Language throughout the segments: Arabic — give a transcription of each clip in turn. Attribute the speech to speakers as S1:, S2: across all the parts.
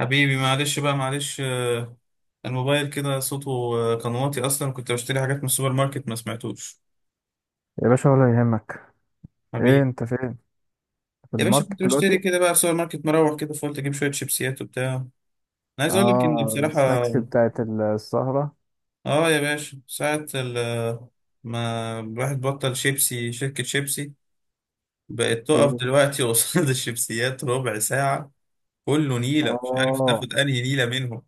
S1: حبيبي معلش بقى معلش الموبايل كده صوته كان واطي اصلا، كنت بشتري حاجات من السوبر ماركت ما سمعتوش.
S2: يا باشا ولا يهمك. ايه
S1: حبيبي،
S2: انت فين؟ في
S1: يا باشا كنت
S2: الماركت
S1: بشتري
S2: دلوقتي؟
S1: كده بقى في السوبر ماركت مروح كده، فقلت اجيب شويه شيبسيات وبتاع. انا عايز اقول لك ان
S2: اه
S1: بصراحه
S2: السناكس بتاعت السهرة.
S1: اه يا باشا ساعه ما الواحد بطل شيبسي، شركه شيبسي بقت تقف
S2: في-
S1: دلوقتي قصاد الشيبسيات ربع ساعه، كله نيله، مش عارف
S2: اه
S1: تاخد انهي نيله منهم.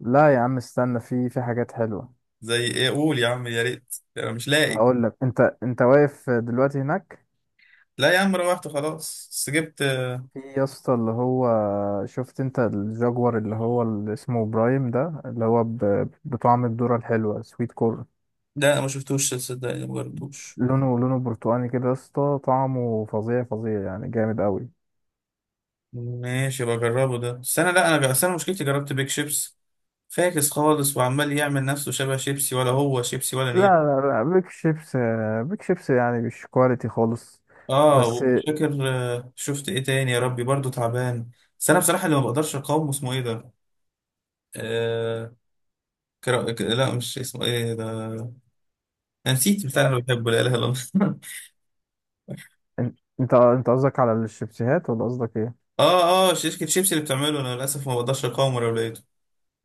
S2: لا يا عم استنى، في حاجات حلوة.
S1: زي ايه؟ قول يا عم، يا ريت، انا مش لاقي.
S2: اقول لك، انت واقف دلوقتي هناك؟
S1: لا يا عم، روحت خلاص بس جبت.
S2: في يا اسطى اللي هو، شفت انت الجاكور اللي هو اللي اسمه برايم ده، اللي هو بطعم الذرة الحلوة سويت كورن.
S1: ده انا ما شفتوش صدقني، ما جربتوش.
S2: لونه لونه برتقاني كده يا اسطى، طعمه فظيع فظيع يعني جامد قوي.
S1: ماشي بجربه ده، بس انا لا انا جا- أصل انا مشكلتي جربت بيك شيبس فاكس خالص، وعمال يعمل نفسه شبه شيبسي، ولا هو شيبسي ولا
S2: لا
S1: نيل.
S2: لا لا، بيك شيبس. بيك شيبس يعني مش كواليتي خالص.
S1: اه
S2: بس
S1: ومش فاكر شفت ايه تاني يا ربي برضو تعبان. بس انا بصراحة اللي ما بقدرش اقاومه اسمه ايه ده؟ آه، لا، مش اسمه ايه ده، انا نسيت بتاع اللي بحبه، لا اله الا الله
S2: إن- انت قصدك على الشيبسيهات ولا قصدك ايه؟
S1: اه اه، شركة شيبسي اللي بتعمله انا للاسف ما بقدرش اقاومه لو لقيته.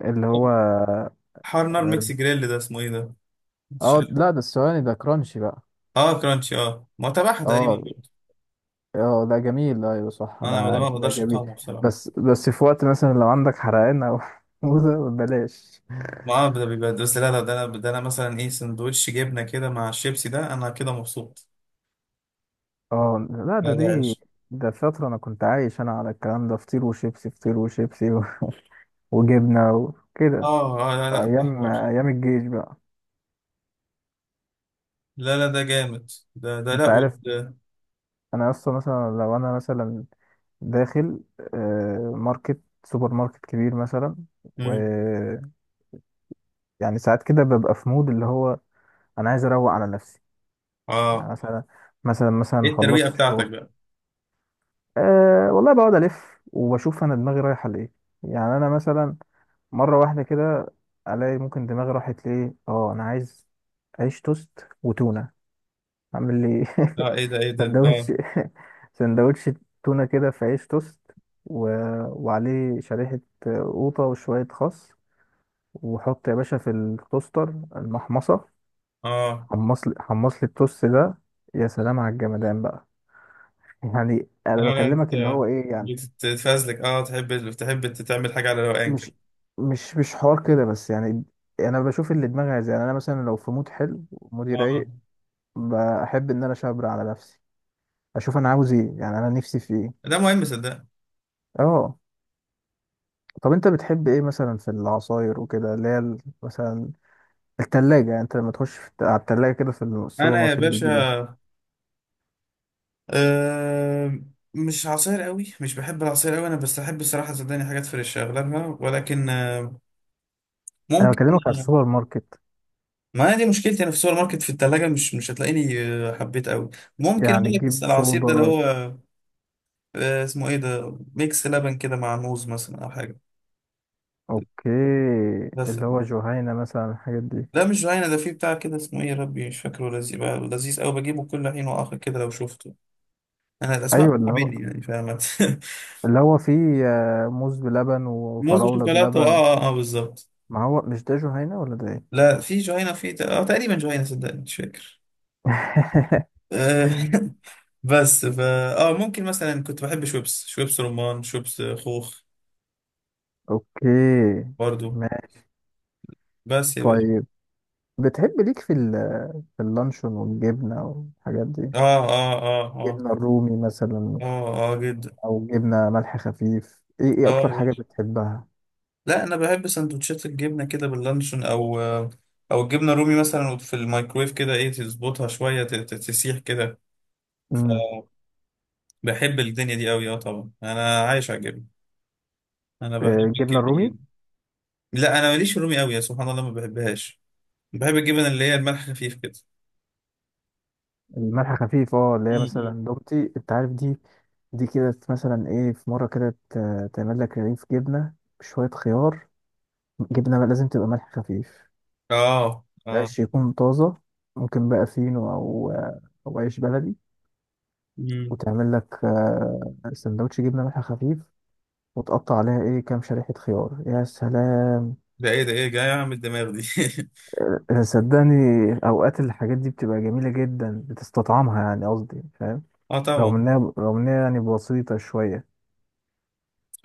S2: اللي هو
S1: حار نار
S2: اه.
S1: ميكس جريل، ده اسمه ايه ده؟
S2: آه، لا ده الثواني ده كرانشي بقى.
S1: اه كرانشي، اه ما تبعها
S2: اه
S1: تقريبا برضه.
S2: اه، ده جميل، ايوه صح
S1: انا ما
S2: انا
S1: ما
S2: عارف ده
S1: بقدرش
S2: جميل.
S1: اقاومه بصراحه.
S2: بس بس في وقت مثلا لو عندك حرقان او حموضة بلاش.
S1: ما ده بيبقى بس، لا ده انا، ده انا مثلا ايه، سندوتش جبنه كده مع الشيبسي، ده انا كده مبسوط.
S2: اه لا ده
S1: لا ده
S2: دي،
S1: عيش.
S2: ده فترة انا كنت عايش انا على الكلام ده، فطير وشيبسي، فطير وشيبسي وجبنة وكده.
S1: اه اه، لا لا ده
S2: ايام
S1: حوار.
S2: ايام الجيش بقى.
S1: لا لا ده جامد، ده ده لا
S2: انت
S1: وال.
S2: عارف، انا اصلا مثلا لو انا مثلا داخل ماركت، سوبر ماركت كبير مثلا،
S1: مم.
S2: ويعني ساعات كده ببقى في مود اللي هو، انا عايز اروق على نفسي.
S1: اه،
S2: يعني مثلا، مثلا
S1: ايه الترويقه
S2: خلصت
S1: بتاعتك
S2: الشغل.
S1: بقى؟
S2: أه والله بقعد الف وبشوف انا دماغي رايحه لايه. يعني انا مثلا مره واحده كده الاقي ممكن دماغي راحت لايه، اه انا عايز عيش توست وتونه. عامل لي
S1: اه ايه ده، ايه ده،
S2: سندوتش،
S1: اه
S2: سندوتش تونة كده في عيش توست، و... وعليه شريحة قوطة وشوية خس، وحط يا باشا في التوستر المحمصة،
S1: اه،
S2: حمص لي حمص لي التوست ده. يا سلام على الجمدان بقى. يعني انا
S1: انا لا،
S2: بكلمك اللي
S1: انت
S2: هو ايه يعني.
S1: بتتفازلك، اه، تحب تعمل حاجه على روقان
S2: مش
S1: كده.
S2: مش حوار كده بس يعني انا بشوف اللي دماغي عايزاه. يعني انا مثلا لو في مود حلو ومودي
S1: اه،
S2: رايق، بحب ان اشبر على نفسي، اشوف انا عاوز ايه، يعني انا نفسي في ايه.
S1: ده مهم صدق.
S2: اه طب انت بتحب ايه مثلا في العصاير وكده، اللي هي مثلا التلاجة. يعني انت لما تخش في على التلاجة كده في السوبر
S1: انا يا
S2: ماركت بتجيب ايه؟
S1: باشا، أه، مش عصير قوي، مش بحب العصير قوي انا، بس احب الصراحه صدقني حاجات فريش اغلبها، ولكن
S2: انا
S1: ممكن.
S2: بكلمك على السوبر ماركت.
S1: ما أنا دي مشكلتي، انا في السوبر ماركت في الثلاجه مش هتلاقيني حبيت قوي. ممكن
S2: يعني
S1: اقول لك بس
S2: تجيب
S1: العصير ده اللي
S2: صودا؟
S1: هو اسمه ايه ده، ميكس لبن كده مع موز مثلا او حاجه.
S2: اوكي.
S1: بس
S2: اللي هو جهينة مثلا الحاجات دي.
S1: ده مش جوانا، ده فيه بتاع كده، اسمه ايه يا ربي مش فاكره، لذيذ بقى، لذيذ قوي بجيبه كل حين واخر كده لو شفته. انا الاسماء
S2: ايوه اللي هو،
S1: بتقابلني يعني، فاهمة
S2: اللي هو فيه موز بلبن
S1: موز
S2: وفراولة
S1: وشوكولاته،
S2: بلبن.
S1: اه، اه, بالظبط.
S2: ما هو مش ده جهينة ولا ده ايه؟
S1: لا في جهينة، في اه تقريبا جهينة، صدقني مش فاكر. آه، بس فا اه، ممكن مثلا كنت بحب شويبس، شويبس رمان، شويبس خوخ
S2: اوكي
S1: برضو.
S2: ماشي.
S1: بس يا باشا،
S2: طيب بتحب ليك في في اللانشون والجبنة والحاجات دي؟
S1: اه اه اه اه،
S2: جبنة رومي مثلا،
S1: اه اه جدا.
S2: أو جبنة ملح خفيف؟ إيه إيه
S1: اه يا
S2: أكتر حاجة
S1: باشا،
S2: بتحبها؟
S1: لا انا بحب سندوتشات الجبنه كده باللانشون او او الجبنه الرومي مثلا في الميكرويف كده، ايه تظبطها شويه تسيح كده،
S2: امم.
S1: فبحب الدنيا دي قوي، اه طبعا انا عايش على الجبنه، انا بحب
S2: آه، الجبنة
S1: الجبنه
S2: الرومي.
S1: جدا. لا انا ماليش في الرومي قوي، يا سبحان الله ما بحبهاش، بحب الجبن اللي هي الملح خفيف كده.
S2: الملح خفيف اه، اللي هي
S1: م-
S2: مثلا دومتي أنت عارف دي. دي كده مثلا إيه، في مرة كده تعمل لك رغيف جبنة بشوية خيار، جبنة بقى لازم تبقى ملح خفيف،
S1: اه اه.
S2: العيش يكون طازة. ممكن بقى فينو أو أو عيش بلدي،
S1: م- م.
S2: وتعمل لك سندوتش جبنة ملح خفيف، وتقطع عليها إيه كام شريحة خيار. يا سلام.
S1: ده ايه ده، ايه جاي اعمل الدماغ دي؟
S2: آه، آه، صدقني اوقات الحاجات دي بتبقى جميله جدا، بتستطعمها يعني قصدي فاهم.
S1: اه
S2: رغم
S1: طبعا.
S2: انها رغم انها يعني بسيطه شويه.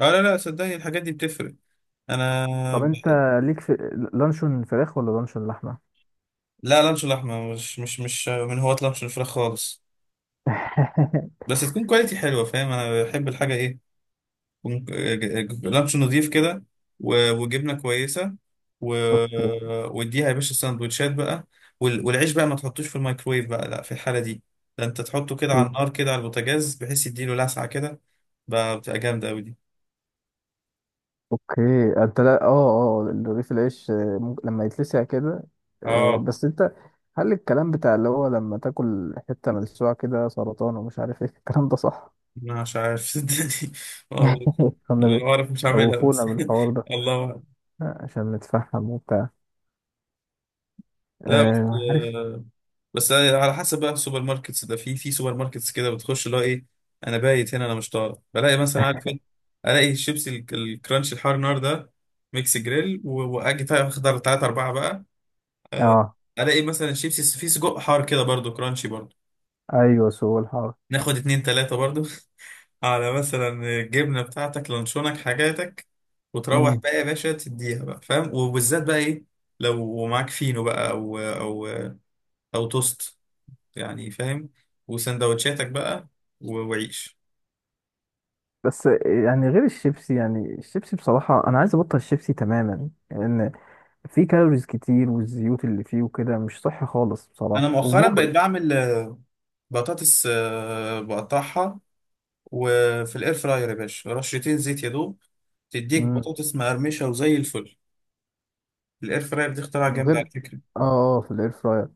S1: اه لا لا، صدقني الحاجات دي بتفرق. انا
S2: طب
S1: ب...
S2: انت ليك في لانشون فراخ ولا لانشون لحمه؟
S1: لا، لانش لحمه، مش من هواة لانش الفراخ خالص. بس تكون كواليتي حلوه، فاهم، انا بحب الحاجه ايه، ونج- لانش نضيف كده، و- وجبنه كويسه، و...
S2: اوكي
S1: واديها يا باشا سندوتشات بقى، والعيش بقى ما تحطوش في الميكرويف بقى، لا في الحاله دي ده انت تحطه كده على
S2: اوكي
S1: النار كده على البوتاجاز، بحيث يديله لسعه كده، بقى بتبقى جامده قوي دي.
S2: اوكي. انت لا اه. اه رغيف العيش ممكن لما يتلسع كده.
S1: اه.
S2: بس انت، هل الكلام بتاع اللي هو لما تاكل حته ملسوعه كده سرطان ومش عارف ايه الكلام ده صح؟
S1: أنا مش عارف صدقني، ما اعرف. انا
S2: كانوا
S1: ما اعرف، مش هعملها بس
S2: بيخوفونا بالحوار ده
S1: الله.
S2: عشان نتفهم وبتاع.
S1: لا بس
S2: عارف.
S1: آه، بس على حسب بقى السوبر ماركتس ده، في في سوبر ماركتس كده بتخش اللي هو ايه، انا بايت هنا، انا مش طالع، بلاقي مثلا، عارف ايه، الاقي الشيبسي الكرانش الحار نار ده، ميكس جريل، و- واجي اخد 3 أربعة بقى آه،
S2: اه
S1: الاقي مثلا الشيبسي فيه سجق حار كده برضو، كرانشي برضو،
S2: ايوه سوق الحار.
S1: ناخد 2 3 برضو على مثلا الجبنة بتاعتك، لانشونك، حاجاتك، وتروح
S2: امم.
S1: بقى يا باشا تديها بقى، فاهم، وبالذات بقى ايه، لو معاك فينو بقى او او توست، يعني فاهم، وسندوتشاتك بقى، و- وعيش.
S2: بس يعني غير الشيبسي يعني الشيبسي بصراحة أنا عايز أبطل الشيبسي تماما لأن فيه كالوريز كتير والزيوت اللي فيه وكده مش صحي خالص
S1: انا
S2: بصراحة
S1: مؤخرا بقيت
S2: ومغري
S1: بعمل بطاطس، بقطعها وفي الاير فراير، يا باشا رشتين زيت يا دوب، تديك
S2: امم
S1: بطاطس مقرمشه وزي الفل. الاير فراير دي اختراع
S2: من
S1: جامد
S2: غير
S1: على فكره.
S2: اه اه في الاير فراير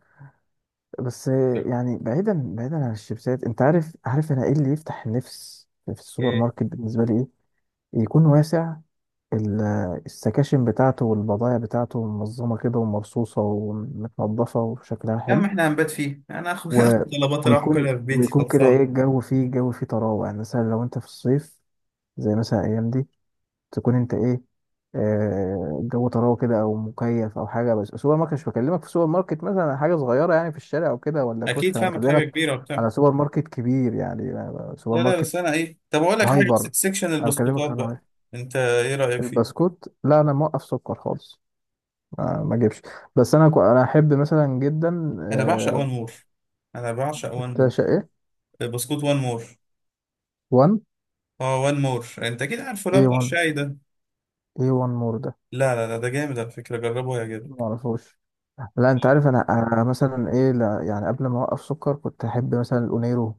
S2: بس يعني بعيدا بعيدا عن الشيبسات، انت عارف، عارف انا ايه اللي يفتح النفس في السوبر
S1: إيه.
S2: ماركت بالنسبه لي ايه؟ يكون واسع، السكاشن بتاعته والبضائع بتاعته منظمه كده ومرصوصه ومتنضفه وشكلها
S1: يا عم
S2: حلو
S1: احنا هنبات فيه، انا اخد
S2: و...
S1: اخد طلبات اروح اكلها
S2: ويكون
S1: في بيتي
S2: ويكون كده ايه،
S1: خلصانه.
S2: الجو فيه، الجو فيه طراوة. يعني مثلا لو انت في الصيف، زي مثلا الايام دي، تكون انت ايه، آه الجو طراوة كده او مكيف او حاجة. بس سوبر ماركت، مش بكلمك في سوبر ماركت مثلا حاجة صغيرة يعني في الشارع او كده ولا
S1: اكيد
S2: كشك، انا
S1: فاهمك، حاجه
S2: بكلمك
S1: كبيره وبتاع.
S2: على سوبر ماركت كبير، يعني سوبر
S1: لا لا،
S2: ماركت
S1: بس انا ايه، طب اقول لك حاجه بس-
S2: هايبر.
S1: سكشن
S2: انا
S1: البسكوتات
S2: بكلمك على
S1: بقى، انت ايه رايك فيه؟
S2: البسكوت. لا انا موقف سكر خالص، ما اجيبش. بس انا انا احب مثلا جدا
S1: انا بعشق
S2: آه
S1: وان مور، انا بعشق وان
S2: بتاع
S1: مور،
S2: شقة
S1: بسكوت وان مور.
S2: 1
S1: اه وان مور، انت اكيد عارفه اللي هو بتاع
S2: A1
S1: الشاي ده.
S2: A1 مور.
S1: لا لا لا، ده جامد على فكرة، جربه
S2: ما
S1: هيعجبك.
S2: اعرفوش. لا انت عارف انا، أنا مثلا ايه، لا يعني قبل ما اوقف سكر كنت احب مثلا الاونيرو.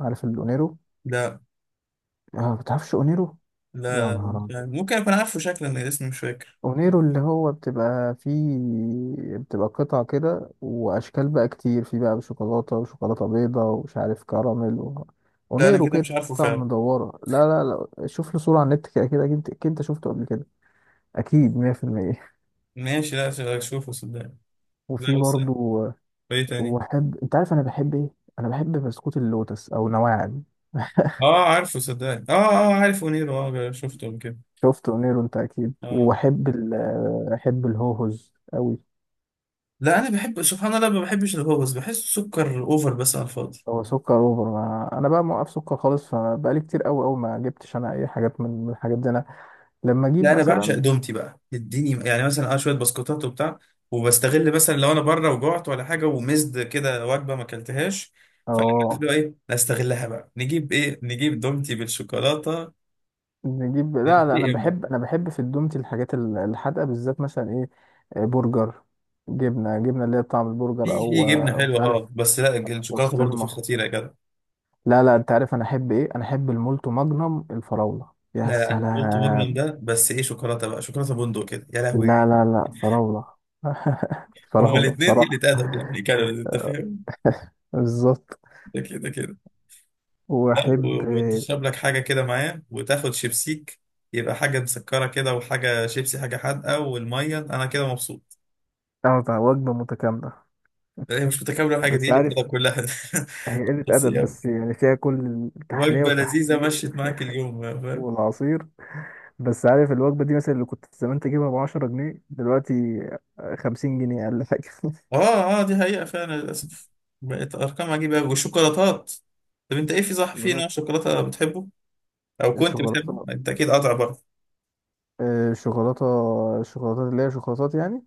S2: عارف الاونيرو؟
S1: لا
S2: اه ما بتعرفش اونيرو. يا
S1: لا
S2: نهار
S1: مش
S2: ابيض.
S1: عارف. ممكن اكون عارفه شكلا لان اسمي مش فاكر.
S2: اونيرو اللي هو بتبقى فيه، بتبقى قطع كده واشكال بقى كتير، في بقى شوكولاته وشوكولاته بيضه ومش عارف كراميل و...
S1: لا انا
S2: اونيرو
S1: كده
S2: كده
S1: مش عارفه
S2: قطع
S1: فعلا.
S2: مدوره. لا لا، لا شوف له صوره على النت كده كده، اكيد أكيد انت شفته قبل كده، اكيد 100%.
S1: ماشي، لا اشوفه صدقني.
S2: وفي
S1: لا بس،
S2: برضه،
S1: ايه تاني؟
S2: واحب، انت عارف انا بحب ايه؟ انا بحب بسكوت اللوتس او نواعم.
S1: اه عارفه صدقني، اه اه عارف ونيرو، اه شفته قبل كده.
S2: شفته نيرو انت اكيد.
S1: اه.
S2: واحب ال... احب الهوهوز قوي.
S1: لا انا بحب، سبحان الله، ما بحبش الهوبس، بحس سكر اوفر، بس على الفاضي.
S2: هو سكر اوفر، ما... انا بقى موقف سكر خالص، فبقالي كتير قوي قوي ما جبتش انا اي حاجات من الحاجات دي. انا لما
S1: لا
S2: اجيب
S1: انا بعشق
S2: مثلا،
S1: دومتي بقى، اديني يعني مثلا اه شويه بسكوتات وبتاع، وبستغل مثلا لو انا بره وجعت ولا حاجه، ومزد كده، وجبه ما اكلتهاش، فعملت
S2: اه
S1: له ايه، لا استغلها بقى، نجيب ايه، نجيب دومتي بالشوكولاته،
S2: نجيب. لا لا انا
S1: ننتقم بقى.
S2: بحب، انا بحب في الدومتي الحاجات الحادقه بالذات، مثلا ايه، آه، برجر، جبنه، جبنه اللي هي بطعم البرجر،
S1: في في
S2: او
S1: جبنه حلوه
S2: مش عارف
S1: اه، بس لا الشوكولاته برضو فيه
S2: بسطرمه.
S1: خطيره يا جدع.
S2: لا لا، انت عارف انا احب ايه؟ انا احب المولتو ماجنوم الفراولة. يا
S1: لا لا، انا قلت مجرم
S2: سلام.
S1: ده، بس ايه شوكولاته بقى، شوكولاته بندق كده، يا لهوي.
S2: لا لا لا فراولة.
S1: هما
S2: فراولة
S1: الاثنين قله
S2: بصراحة.
S1: ادب يعني، كانوا انت فاهم،
S2: بالظبط.
S1: ده كده كده. لا
S2: واحب
S1: و- وتشرب لك حاجة كده معاه، وتاخد شيبسيك، يبقى حاجة مسكرة كده وحاجة شيبسي، حاجة حادقة والمية، أنا كده مبسوط.
S2: اه بقى وجبة متكاملة.
S1: هي مش متكاملة الحاجة دي
S2: بس
S1: اللي كده
S2: عارف،
S1: كلها
S2: هي قلة
S1: بس
S2: أدب
S1: يلا،
S2: بس يعني فيها كل التحلية
S1: وجبة لذيذة
S2: والتحديق
S1: مشيت معاك اليوم فاهم.
S2: والعصير. بس عارف الوجبة دي مثلا اللي كنت زمان تجيبها ب10 جنيه دلوقتي 50 جنيه أقل حاجة.
S1: اه اه، دي حقيقة فعلا للأسف، بقت أرقام عجيبة أوي، والشوكولاتات، طب أنت إيه، في صح، في نوع
S2: شوكولاتة،
S1: شوكولاتة بتحبه أو كنت بتحبه؟
S2: شوكولاتة،
S1: أنت أكيد قاطع برضه.
S2: آه، شوكولاتة، شوكولاتات اللي هي شوكولاتات يعني.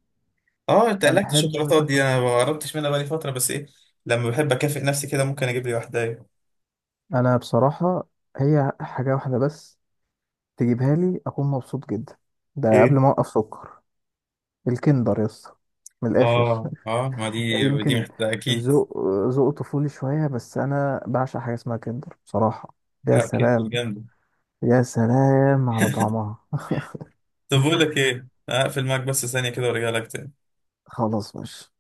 S1: اه، أنت
S2: أنا
S1: قلقت
S2: أحب
S1: الشوكولاتات
S2: مثلا،
S1: دي، أنا ما قربتش منها بقالي فترة، بس إيه، لما بحب أكافئ نفسي كده ممكن أجيب لي واحدة. أيوه.
S2: انا بصراحه هي حاجه واحده بس تجيبها لي اكون مبسوط جدا، ده قبل
S1: إيه؟
S2: ما اوقف سكر، الكندر يا اسطى من الاخر.
S1: اه اه، ما دي دي
S2: يمكن
S1: محتاجة اكيد.
S2: ذوق، ذوق طفولي شويه، بس انا بعشق حاجه اسمها كندر بصراحه. يا
S1: لا كندر
S2: سلام،
S1: جامدة.
S2: يا سلام على طعمها.
S1: طب بقول لك ايه، هقفل معاك بس ثانية كده وارجع لك تاني.
S2: خلاص ماشي.